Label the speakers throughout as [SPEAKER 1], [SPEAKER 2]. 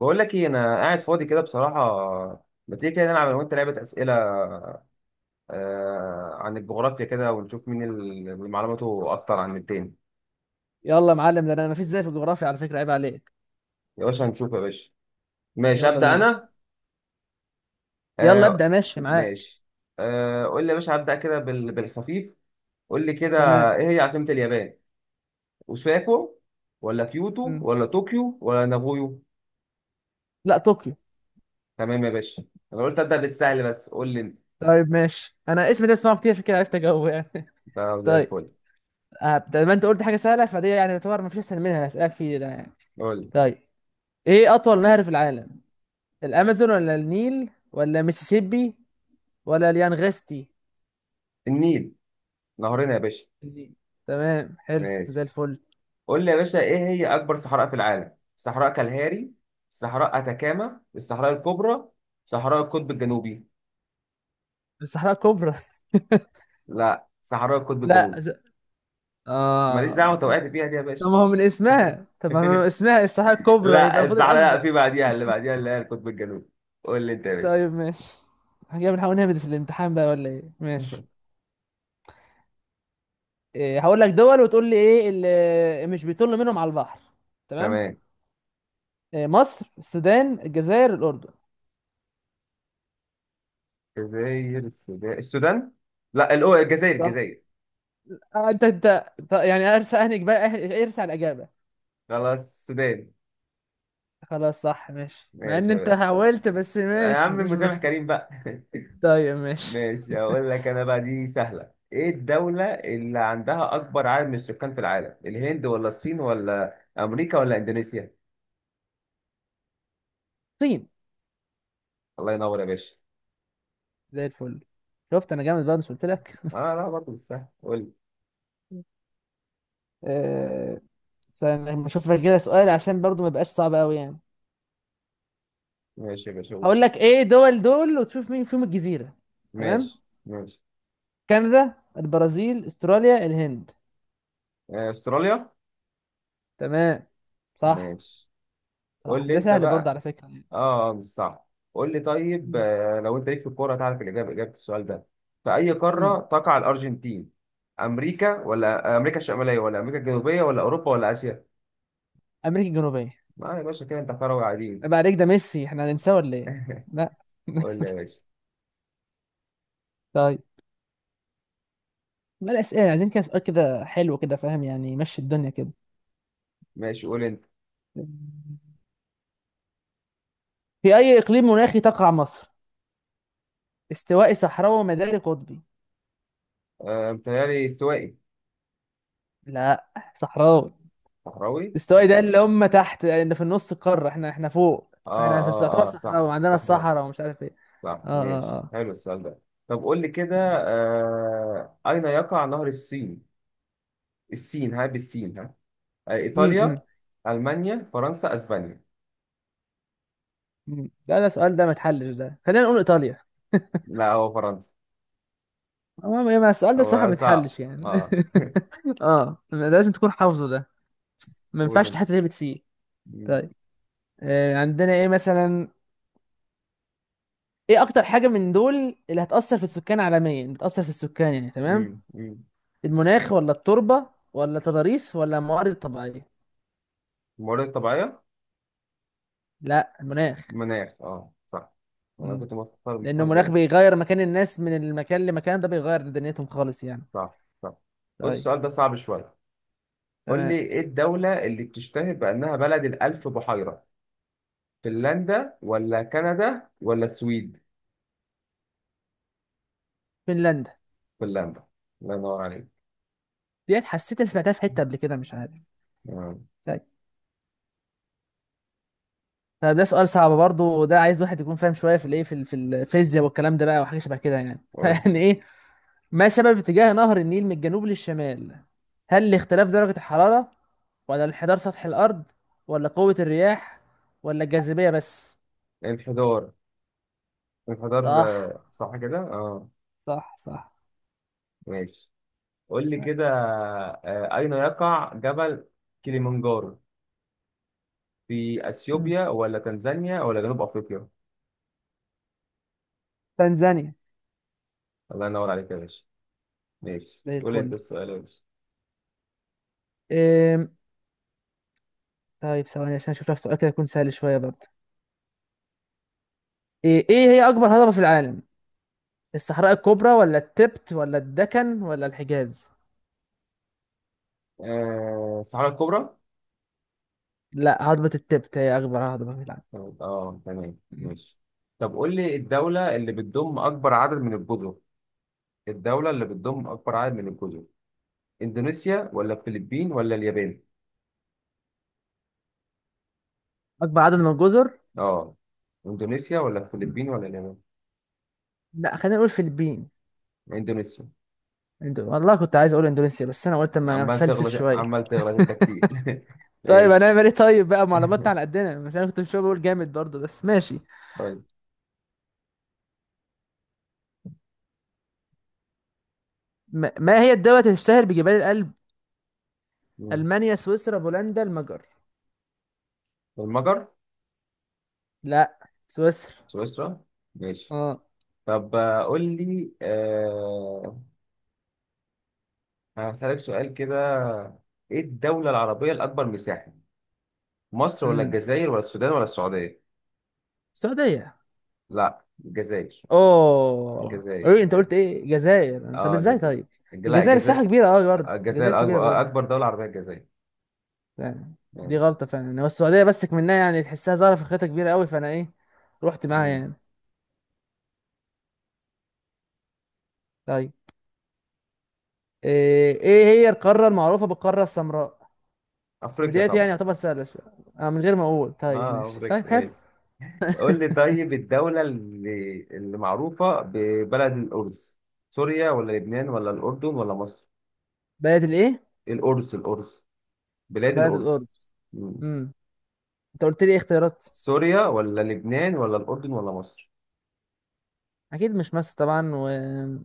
[SPEAKER 1] بقول لك ايه، انا قاعد فاضي كده بصراحه. ما تيجي كده نلعب انا وانت لعبه اسئله، آه، عن الجغرافيا كده ونشوف مين اللي معلوماته اكتر عن التاني.
[SPEAKER 2] يلا يا معلم ده انا مفيش زي في الجغرافيا على فكره عيب عليك.
[SPEAKER 1] يا باشا هنشوف يا باشا. ماشي
[SPEAKER 2] يلا
[SPEAKER 1] ابدا
[SPEAKER 2] بينا.
[SPEAKER 1] انا.
[SPEAKER 2] يلا
[SPEAKER 1] آه.
[SPEAKER 2] ابدا ماشي معاك.
[SPEAKER 1] ماشي. آه، قول لي يا باشا، هبدا كده بالخفيف. قول لي كده.
[SPEAKER 2] تمام.
[SPEAKER 1] ايه هي عاصمه اليابان؟ اوساكو ولا كيوتو
[SPEAKER 2] مم.
[SPEAKER 1] ولا طوكيو ولا نابويو؟
[SPEAKER 2] لا طوكيو.
[SPEAKER 1] تمام يا باشا. انا قلت ابدا بالسهل، بس قول لي انت.
[SPEAKER 2] طيب ماشي انا اسمي ده اسمعه كتير عشان كده عرفت اجاوب يعني.
[SPEAKER 1] طب زي
[SPEAKER 2] طيب.
[SPEAKER 1] الفل.
[SPEAKER 2] زي ما انت قلت حاجه سهله فدي يعني يعتبر مفيش اسهل منها اللي هسالك فيه ده يعني.
[SPEAKER 1] قول لي.
[SPEAKER 2] طيب. ايه اطول نهر في العالم؟ الامازون ولا النيل ولا ميسيسيبي ولا اليانغستي؟
[SPEAKER 1] النيل، نهرنا يا باشا.
[SPEAKER 2] النيل. تمام حلو زي
[SPEAKER 1] ماشي.
[SPEAKER 2] الفل.
[SPEAKER 1] قول لي يا باشا، ايه هي اكبر صحراء في العالم؟ صحراء كالهاري، صحراء اتاكاما، الصحراء الكبرى، صحراء القطب الجنوبي؟
[SPEAKER 2] الصحراء الكبرى.
[SPEAKER 1] لا، صحراء القطب
[SPEAKER 2] لا،
[SPEAKER 1] الجنوبي. ماليش دعوه،
[SPEAKER 2] اه.
[SPEAKER 1] انت وقعت فيها دي يا باشا.
[SPEAKER 2] طب ما هو من اسمها الصحراء الكبرى يبقى المفروض
[SPEAKER 1] لا،
[SPEAKER 2] الاكبر.
[SPEAKER 1] في بعديها اللي بعديها اللي هي القطب الجنوبي. قول لي انت يا باشا.
[SPEAKER 2] طيب ماشي. هنجي بنحاول نهبط في الامتحان بقى ولا ايه؟ ماشي. إيه هقول لك دول وتقول لي ايه اللي مش بيطل منهم على البحر. تمام.
[SPEAKER 1] تمام.
[SPEAKER 2] إيه مصر السودان الجزائر الاردن؟
[SPEAKER 1] الجزائر، السودان، السودان، لا الجزائر،
[SPEAKER 2] صح.
[SPEAKER 1] الجزائر.
[SPEAKER 2] يعني ارسى اهنك بقى ارسى على الاجابه.
[SPEAKER 1] خلاص، السودان.
[SPEAKER 2] خلاص صح ماشي مع ان
[SPEAKER 1] ماشي يا
[SPEAKER 2] انت
[SPEAKER 1] باشا.
[SPEAKER 2] حاولت بس
[SPEAKER 1] يا
[SPEAKER 2] ماشي
[SPEAKER 1] عم
[SPEAKER 2] مش
[SPEAKER 1] مسامح
[SPEAKER 2] مشكله.
[SPEAKER 1] كريم بقى.
[SPEAKER 2] طيب ماشي.
[SPEAKER 1] ماشي، هقول لك انا بقى، دي سهله. ايه الدوله اللي عندها اكبر عدد من السكان في العالم؟ الهند ولا الصين ولا امريكا ولا اندونيسيا؟
[SPEAKER 2] الصين.
[SPEAKER 1] الله ينور يا باشا.
[SPEAKER 2] زي الفل. شفت انا جامد بقى مش قلت لك.
[SPEAKER 1] اه، لا، برضه مش سهل، قول لي.
[SPEAKER 2] آه، استنى، لما اشوف لك كده سؤال عشان برضو ما يبقاش صعب قوي يعني.
[SPEAKER 1] ماشي يا باشا، قول.
[SPEAKER 2] هقول لك ايه دول وتشوف مين فيهم الجزيرة. تمام.
[SPEAKER 1] ماشي، ماشي.
[SPEAKER 2] كندا البرازيل استراليا الهند.
[SPEAKER 1] آه، استراليا.
[SPEAKER 2] تمام. صح.
[SPEAKER 1] ماشي،
[SPEAKER 2] صح
[SPEAKER 1] قول لي
[SPEAKER 2] ده
[SPEAKER 1] انت
[SPEAKER 2] سهل برضه
[SPEAKER 1] بقى.
[SPEAKER 2] على فكرة يعني.
[SPEAKER 1] اه، آه، مش صح. قول لي طيب،
[SPEAKER 2] مم.
[SPEAKER 1] لو انت ليك في الكوره هتعرف اجابه السؤال ده. في اي قاره
[SPEAKER 2] مم.
[SPEAKER 1] تقع الارجنتين؟ امريكا ولا امريكا الشماليه ولا امريكا الجنوبيه ولا اوروبا ولا اسيا؟
[SPEAKER 2] امريكا الجنوبية.
[SPEAKER 1] ما يا باشا كده انت كروي عادي.
[SPEAKER 2] عيب عليك ده ميسي احنا هننساه ولا ايه؟ لا.
[SPEAKER 1] قول لي يا باشا.
[SPEAKER 2] طيب. ما الاسئلة عايزين كده سؤال كده حلو كده فاهم يعني يمشي الدنيا كده.
[SPEAKER 1] ماشي، قول انت.
[SPEAKER 2] في اي اقليم مناخي تقع مصر؟ استوائي صحراوي ومداري قطبي؟
[SPEAKER 1] متهيألي استوائي.
[SPEAKER 2] لا. صحراوي.
[SPEAKER 1] صحراوي.
[SPEAKER 2] استوائي ده اللي هم تحت اللي في النص القارة احنا احنا فوق
[SPEAKER 1] اه،
[SPEAKER 2] فاحنا في يعتبر
[SPEAKER 1] اه، اه،
[SPEAKER 2] صحراء
[SPEAKER 1] صح،
[SPEAKER 2] وعندنا
[SPEAKER 1] صحراوي.
[SPEAKER 2] الصحراء ومش عارف ايه.
[SPEAKER 1] صح،
[SPEAKER 2] اه اه
[SPEAKER 1] ماشي،
[SPEAKER 2] اه.
[SPEAKER 1] حلو السؤال ده. طب قول لي كده. أين يقع نهر السين؟ السين ها، بالسين ها.
[SPEAKER 2] امم
[SPEAKER 1] إيطاليا، ألمانيا، فرنسا، أسبانيا؟
[SPEAKER 2] لا ده السؤال ده ما يتحلش ده خلينا نقول ايطاليا.
[SPEAKER 1] لا، هو فرنسا.
[SPEAKER 2] هو ما السؤال ده الصراحة
[SPEAKER 1] هو
[SPEAKER 2] ما
[SPEAKER 1] صعب
[SPEAKER 2] يتحلش يعني.
[SPEAKER 1] اه.
[SPEAKER 2] اه ده لازم تكون حافظه ده. ما
[SPEAKER 1] قول
[SPEAKER 2] ينفعش
[SPEAKER 1] انت.
[SPEAKER 2] تحتربت فيه.
[SPEAKER 1] مم،
[SPEAKER 2] طيب. عندنا ايه مثلا. ايه اكتر حاجة من دول اللي هتأثر في السكان عالميا بتأثر في السكان يعني تمام.
[SPEAKER 1] مم، مم.
[SPEAKER 2] المناخ ولا التربة ولا التضاريس ولا الموارد الطبيعية؟
[SPEAKER 1] الموارد الطبيعية.
[SPEAKER 2] لا المناخ.
[SPEAKER 1] مناخ، اه صح. انا كنت مختار
[SPEAKER 2] لأنه
[SPEAKER 1] مختار
[SPEAKER 2] المناخ
[SPEAKER 1] بينك.
[SPEAKER 2] بيغير مكان الناس من المكان لمكان ده بيغير دنيتهم خالص يعني.
[SPEAKER 1] صح، صح. بص،
[SPEAKER 2] طيب.
[SPEAKER 1] السؤال ده صعب شوية. قول لي،
[SPEAKER 2] تمام.
[SPEAKER 1] ايه الدولة اللي بتشتهر بأنها بلد الألف بحيرة؟ فنلندا ولا كندا ولا السويد؟
[SPEAKER 2] فنلندا.
[SPEAKER 1] فنلندا. الله ينور عليك.
[SPEAKER 2] ديت حسيت إني سمعتها في حتة قبل كده مش عارف.
[SPEAKER 1] آه،
[SPEAKER 2] طيب. طب ده سؤال صعب برضه وده عايز واحد يكون فاهم شوية في في الفيزياء والكلام ده بقى وحاجة شبه كده يعني.
[SPEAKER 1] قول
[SPEAKER 2] فيعني إيه. ما سبب اتجاه نهر النيل من الجنوب للشمال؟ هل لاختلاف درجة الحرارة ولا انحدار سطح الأرض ولا قوة الرياح ولا الجاذبية بس؟
[SPEAKER 1] لي. الحضار الحضار.
[SPEAKER 2] صح.
[SPEAKER 1] آه، صح كده؟ اه.
[SPEAKER 2] صح صح.
[SPEAKER 1] ماشي. قول لي
[SPEAKER 2] تمام.
[SPEAKER 1] كده. أين يقع جبل كليمنجارو؟ في
[SPEAKER 2] مم.
[SPEAKER 1] أثيوبيا ولا تنزانيا ولا جنوب أفريقيا؟
[SPEAKER 2] تنزانيا.
[SPEAKER 1] الله ينور عليك يا باشا. ماشي،
[SPEAKER 2] زي
[SPEAKER 1] قول لي أنت
[SPEAKER 2] الفل.
[SPEAKER 1] السؤال يا باشا.
[SPEAKER 2] إيه، طيب ثواني عشان اشوف لك سؤال كده يكون سهل شويه برضه. ايه هي اكبر هضبه في العالم؟ الصحراء الكبرى ولا التبت ولا الدكن ولا الحجاز؟
[SPEAKER 1] آه، الصحراء الكبرى.
[SPEAKER 2] لا هضبه التبت هي اكبر هضبه في العالم.
[SPEAKER 1] طب اه، تمام،
[SPEAKER 2] مم.
[SPEAKER 1] ماشي. طب قول لي، الدولة اللي بتضم أكبر عدد من الجزر. الدولة اللي بتضم أكبر عدد من الجزر. إندونيسيا ولا الفلبين ولا اليابان؟
[SPEAKER 2] اكبر عدد من الجزر.
[SPEAKER 1] اه. إندونيسيا ولا الفلبين
[SPEAKER 2] مم.
[SPEAKER 1] ولا اليابان؟
[SPEAKER 2] لا خلينا نقول فiliبين.
[SPEAKER 1] إندونيسيا.
[SPEAKER 2] والله كنت عايز اقول اندونيسيا بس انا قلت اما
[SPEAKER 1] عمال
[SPEAKER 2] اتفلسف
[SPEAKER 1] تغلط
[SPEAKER 2] شويه.
[SPEAKER 1] عمال تغلط أنت كتير.
[SPEAKER 2] طيب
[SPEAKER 1] ماشي.
[SPEAKER 2] هنعمل ايه طيب بقى معلوماتنا على قدنا مش انا كنت مش بقول جامد برضو بس ماشي.
[SPEAKER 1] طيب.
[SPEAKER 2] ما هي الدولة اللي تشتهر بجبال الألب؟
[SPEAKER 1] مم.
[SPEAKER 2] المانيا سويسرا بولندا المجر؟
[SPEAKER 1] المجر.
[SPEAKER 2] لا. سويسرا.
[SPEAKER 1] سويسرا. ماشي.
[SPEAKER 2] اه.
[SPEAKER 1] طب قول لي هسألك سؤال كده. إيه الدولة العربية الأكبر مساحة؟ مصر ولا
[SPEAKER 2] امم
[SPEAKER 1] الجزائر ولا السودان ولا السعودية؟
[SPEAKER 2] السعودية.
[SPEAKER 1] لا، الجزائر.
[SPEAKER 2] اوه
[SPEAKER 1] الجزائر،
[SPEAKER 2] ايه انت
[SPEAKER 1] الجزائر.
[SPEAKER 2] قلت ايه الجزائر طب
[SPEAKER 1] اه،
[SPEAKER 2] ازاي
[SPEAKER 1] الجزائر.
[SPEAKER 2] طيب.
[SPEAKER 1] لا،
[SPEAKER 2] الجزائر الساحه
[SPEAKER 1] الجزائر.
[SPEAKER 2] كبيره قوي برضه الجزائر
[SPEAKER 1] الجزائر،
[SPEAKER 2] كبيره بقى.
[SPEAKER 1] اكبر اكبر دولة عربية، الجزائر.
[SPEAKER 2] يعني. دي
[SPEAKER 1] ماشي.
[SPEAKER 2] غلطه فعلا يعني. هو السعوديه بس منها يعني تحسها ظاهره في خيطه كبيره قوي فانا ايه رحت معاها
[SPEAKER 1] مم.
[SPEAKER 2] يعني. طيب. إيه هي القاره المعروفه بالقاره السمراء؟
[SPEAKER 1] افريقيا
[SPEAKER 2] بدايتي يعني
[SPEAKER 1] طبعا.
[SPEAKER 2] يعتبر سهله شويه. من غير ما اقول طيب
[SPEAKER 1] اه،
[SPEAKER 2] ماشي طيب
[SPEAKER 1] افريقيا،
[SPEAKER 2] حلو.
[SPEAKER 1] ماشي. قول لي طيب، الدولة اللي معروفة ببلد الأرز. سوريا ولا لبنان ولا الأردن ولا مصر؟
[SPEAKER 2] بلد الايه.
[SPEAKER 1] الأرز، الأرز. بلاد
[SPEAKER 2] بلد
[SPEAKER 1] الأرز.
[SPEAKER 2] القدس.
[SPEAKER 1] مم.
[SPEAKER 2] امم انت قلت لي ايه اختيارات.
[SPEAKER 1] سوريا ولا لبنان ولا الأردن ولا مصر؟
[SPEAKER 2] اكيد مش مصر طبعا وخلينا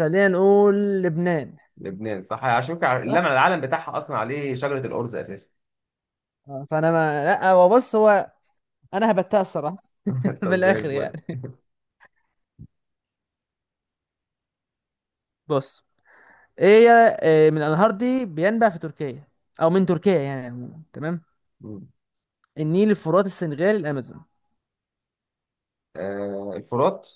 [SPEAKER 2] نقول لبنان.
[SPEAKER 1] لبنان صح، عشان كده
[SPEAKER 2] صح؟
[SPEAKER 1] العلم بتاعها أصلا عليه شجرة الأرز أساسا.
[SPEAKER 2] فانا ما لا هو بص هو انا هبتها الصراحه. من
[SPEAKER 1] طب زي
[SPEAKER 2] الاخر
[SPEAKER 1] الفل.
[SPEAKER 2] يعني. بص. ايه. من الانهار دي بينبع في تركيا او من تركيا يعني عموماً، تمام. النيل الفرات السنغال الامازون.
[SPEAKER 1] آه الفرات.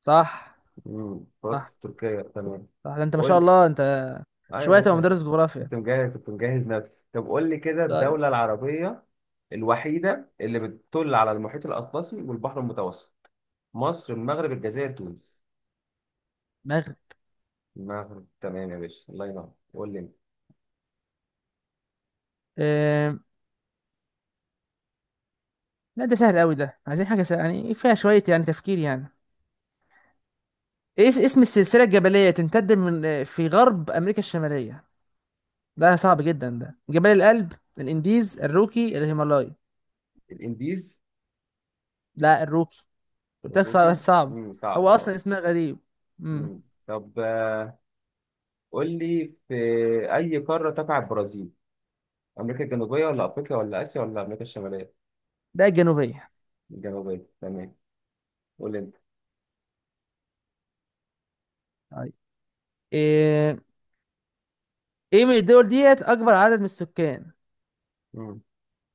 [SPEAKER 2] صح.
[SPEAKER 1] مم، الفرات في
[SPEAKER 2] صح
[SPEAKER 1] تركيا، تمام.
[SPEAKER 2] صح ده انت ما شاء
[SPEAKER 1] قول.
[SPEAKER 2] الله انت
[SPEAKER 1] اه يا
[SPEAKER 2] شويه تبقى
[SPEAKER 1] باشا.
[SPEAKER 2] مدرس جغرافيا.
[SPEAKER 1] كنت مجهز كنت مجهز نفسي. طب قول لي كده،
[SPEAKER 2] طيب.
[SPEAKER 1] الدولة العربية الوحيدة اللي بتطل على المحيط الأطلسي والبحر المتوسط. مصر، المغرب، الجزائر، تونس؟
[SPEAKER 2] مغرب.
[SPEAKER 1] المغرب تمام يا باشا، الله ينور، قول لي انت.
[SPEAKER 2] آه... لا ده سهل قوي ده عايزين حاجه سهل. يعني فيها شويه يعني تفكير يعني. ايه اسم السلسله الجبليه تمتد من في غرب امريكا الشماليه. ده صعب جدا ده جبال الألب. الانديز الروكي الهيمالايا؟
[SPEAKER 1] الإنديز.
[SPEAKER 2] لا الروكي. قلت لك صعب
[SPEAKER 1] مبروكي.
[SPEAKER 2] صعب. هو
[SPEAKER 1] صعب
[SPEAKER 2] اصلا
[SPEAKER 1] اه.
[SPEAKER 2] اسمها غريب. امم.
[SPEAKER 1] مم. طب، قول لي في أي قارة تقع البرازيل؟ أمريكا الجنوبية ولا أفريقيا ولا آسيا ولا أمريكا الشمالية؟
[SPEAKER 2] ده الجنوبيه.
[SPEAKER 1] الجنوبية، تمام. قول لي انت.
[SPEAKER 2] طيب. ايه ايه من الدول ديت اكبر عدد من السكان؟
[SPEAKER 1] مم.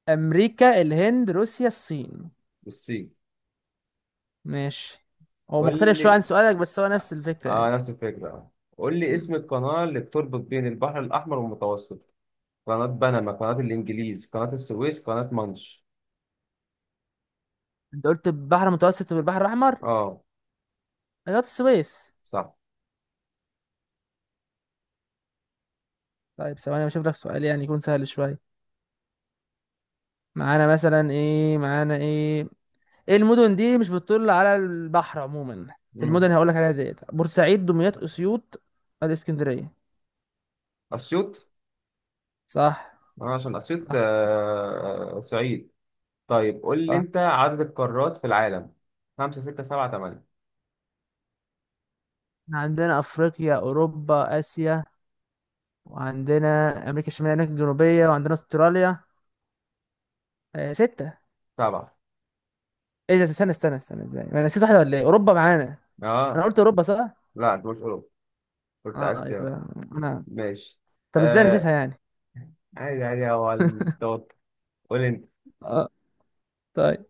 [SPEAKER 2] امريكا الهند روسيا الصين؟
[SPEAKER 1] بصي.
[SPEAKER 2] ماشي. هو
[SPEAKER 1] قول
[SPEAKER 2] مختلف شويه
[SPEAKER 1] لي،
[SPEAKER 2] عن سؤالك بس هو نفس الفكره
[SPEAKER 1] اه،
[SPEAKER 2] يعني.
[SPEAKER 1] نفس الفكرة، اه. قول لي اسم
[SPEAKER 2] امم.
[SPEAKER 1] القناة اللي بتربط بين البحر الأحمر والمتوسط. قناة بنما، قناة الإنجليز، قناة السويس، قناة مانش؟
[SPEAKER 2] انت قلت البحر المتوسط والبحر الاحمر.
[SPEAKER 1] اه،
[SPEAKER 2] قناه السويس.
[SPEAKER 1] صح.
[SPEAKER 2] طيب ثواني بشوف لك سؤال يعني يكون سهل شويه. معانا ايه. ايه المدن دي مش بتطل على البحر عموما. في
[SPEAKER 1] مم.
[SPEAKER 2] المدن هقول لك عليها ديت بورسعيد دمياط اسيوط الاسكندريه؟
[SPEAKER 1] أسيوط.
[SPEAKER 2] صح.
[SPEAKER 1] آه، عشان أسيوط،
[SPEAKER 2] صح
[SPEAKER 1] صعيد. طيب قول لي
[SPEAKER 2] صح.
[SPEAKER 1] أنت عدد القارات في العالم. خمسة، ستة، سبعة، تمانية؟
[SPEAKER 2] احنا عندنا افريقيا اوروبا اسيا وعندنا امريكا الشماليه امريكا الجنوبيه وعندنا استراليا. ستة.
[SPEAKER 1] سبعة.
[SPEAKER 2] ايه ده استنى استنى استنى ازاي انا نسيت واحده ولا ايه اوروبا معانا؟ انا
[SPEAKER 1] اه،
[SPEAKER 2] قلت اوروبا صح.
[SPEAKER 1] لا، أنت مش أوروبا، قلت
[SPEAKER 2] اه
[SPEAKER 1] آسيا.
[SPEAKER 2] يبقى انا.
[SPEAKER 1] ماشي.
[SPEAKER 2] طب ازاي نسيتها
[SPEAKER 1] آه.
[SPEAKER 2] يعني.
[SPEAKER 1] عادي عادي، هو التوتر. قول لي أنت.
[SPEAKER 2] اه. طيب.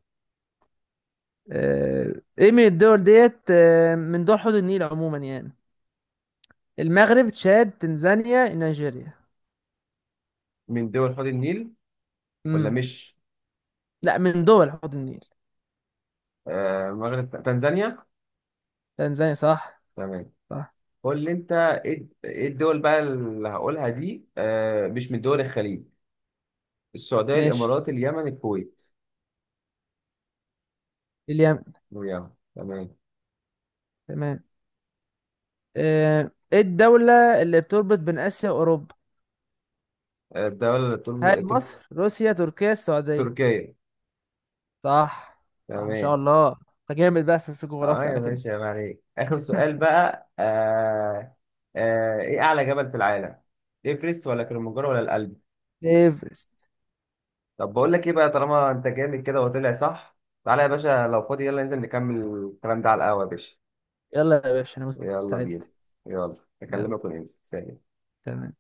[SPEAKER 2] ايه من الدول ديت من دول حوض النيل عموما يعني. المغرب تشاد تنزانيا نيجيريا؟
[SPEAKER 1] من دول حوض النيل ولا
[SPEAKER 2] امم.
[SPEAKER 1] مش؟
[SPEAKER 2] لا من دول حوض النيل.
[SPEAKER 1] آه، المغرب، تنزانيا.
[SPEAKER 2] تنزانيا. صح.
[SPEAKER 1] تمام.
[SPEAKER 2] صح
[SPEAKER 1] قول لي انت، ايه الدول بقى اللي هقولها دي، مش من دول الخليج. السعودية،
[SPEAKER 2] ماشي.
[SPEAKER 1] الامارات، اليمن، الكويت؟
[SPEAKER 2] اليمن.
[SPEAKER 1] اليمن، تمام.
[SPEAKER 2] تمام. ايه الدولة اللي بتربط بين آسيا وأوروبا؟
[SPEAKER 1] آه، الدولة
[SPEAKER 2] هل مصر، روسيا، تركيا، السعودية؟
[SPEAKER 1] تركيا،
[SPEAKER 2] صح. صح ما شاء
[SPEAKER 1] تمام.
[SPEAKER 2] الله انت جامد بقى في
[SPEAKER 1] اه
[SPEAKER 2] الجغرافيا
[SPEAKER 1] يا
[SPEAKER 2] على كده.
[SPEAKER 1] باشا، يا عليك، اخر سؤال بقى آه. ايه اعلى جبل في العالم؟ ايفرست ولا كليمنجارو ولا الألب؟
[SPEAKER 2] ايفرست.
[SPEAKER 1] طب بقول لك ايه بقى، طالما انت جامد كده وطلع صح. تعالى يا باشا لو فاضي، يلا ننزل نكمل الكلام ده على القهوة يا باشا.
[SPEAKER 2] يلا يا باشا انا
[SPEAKER 1] يلا بينا.
[SPEAKER 2] مستعد.
[SPEAKER 1] يلا.
[SPEAKER 2] يلا.
[SPEAKER 1] اكلمك وننزل، سلام.
[SPEAKER 2] تمام.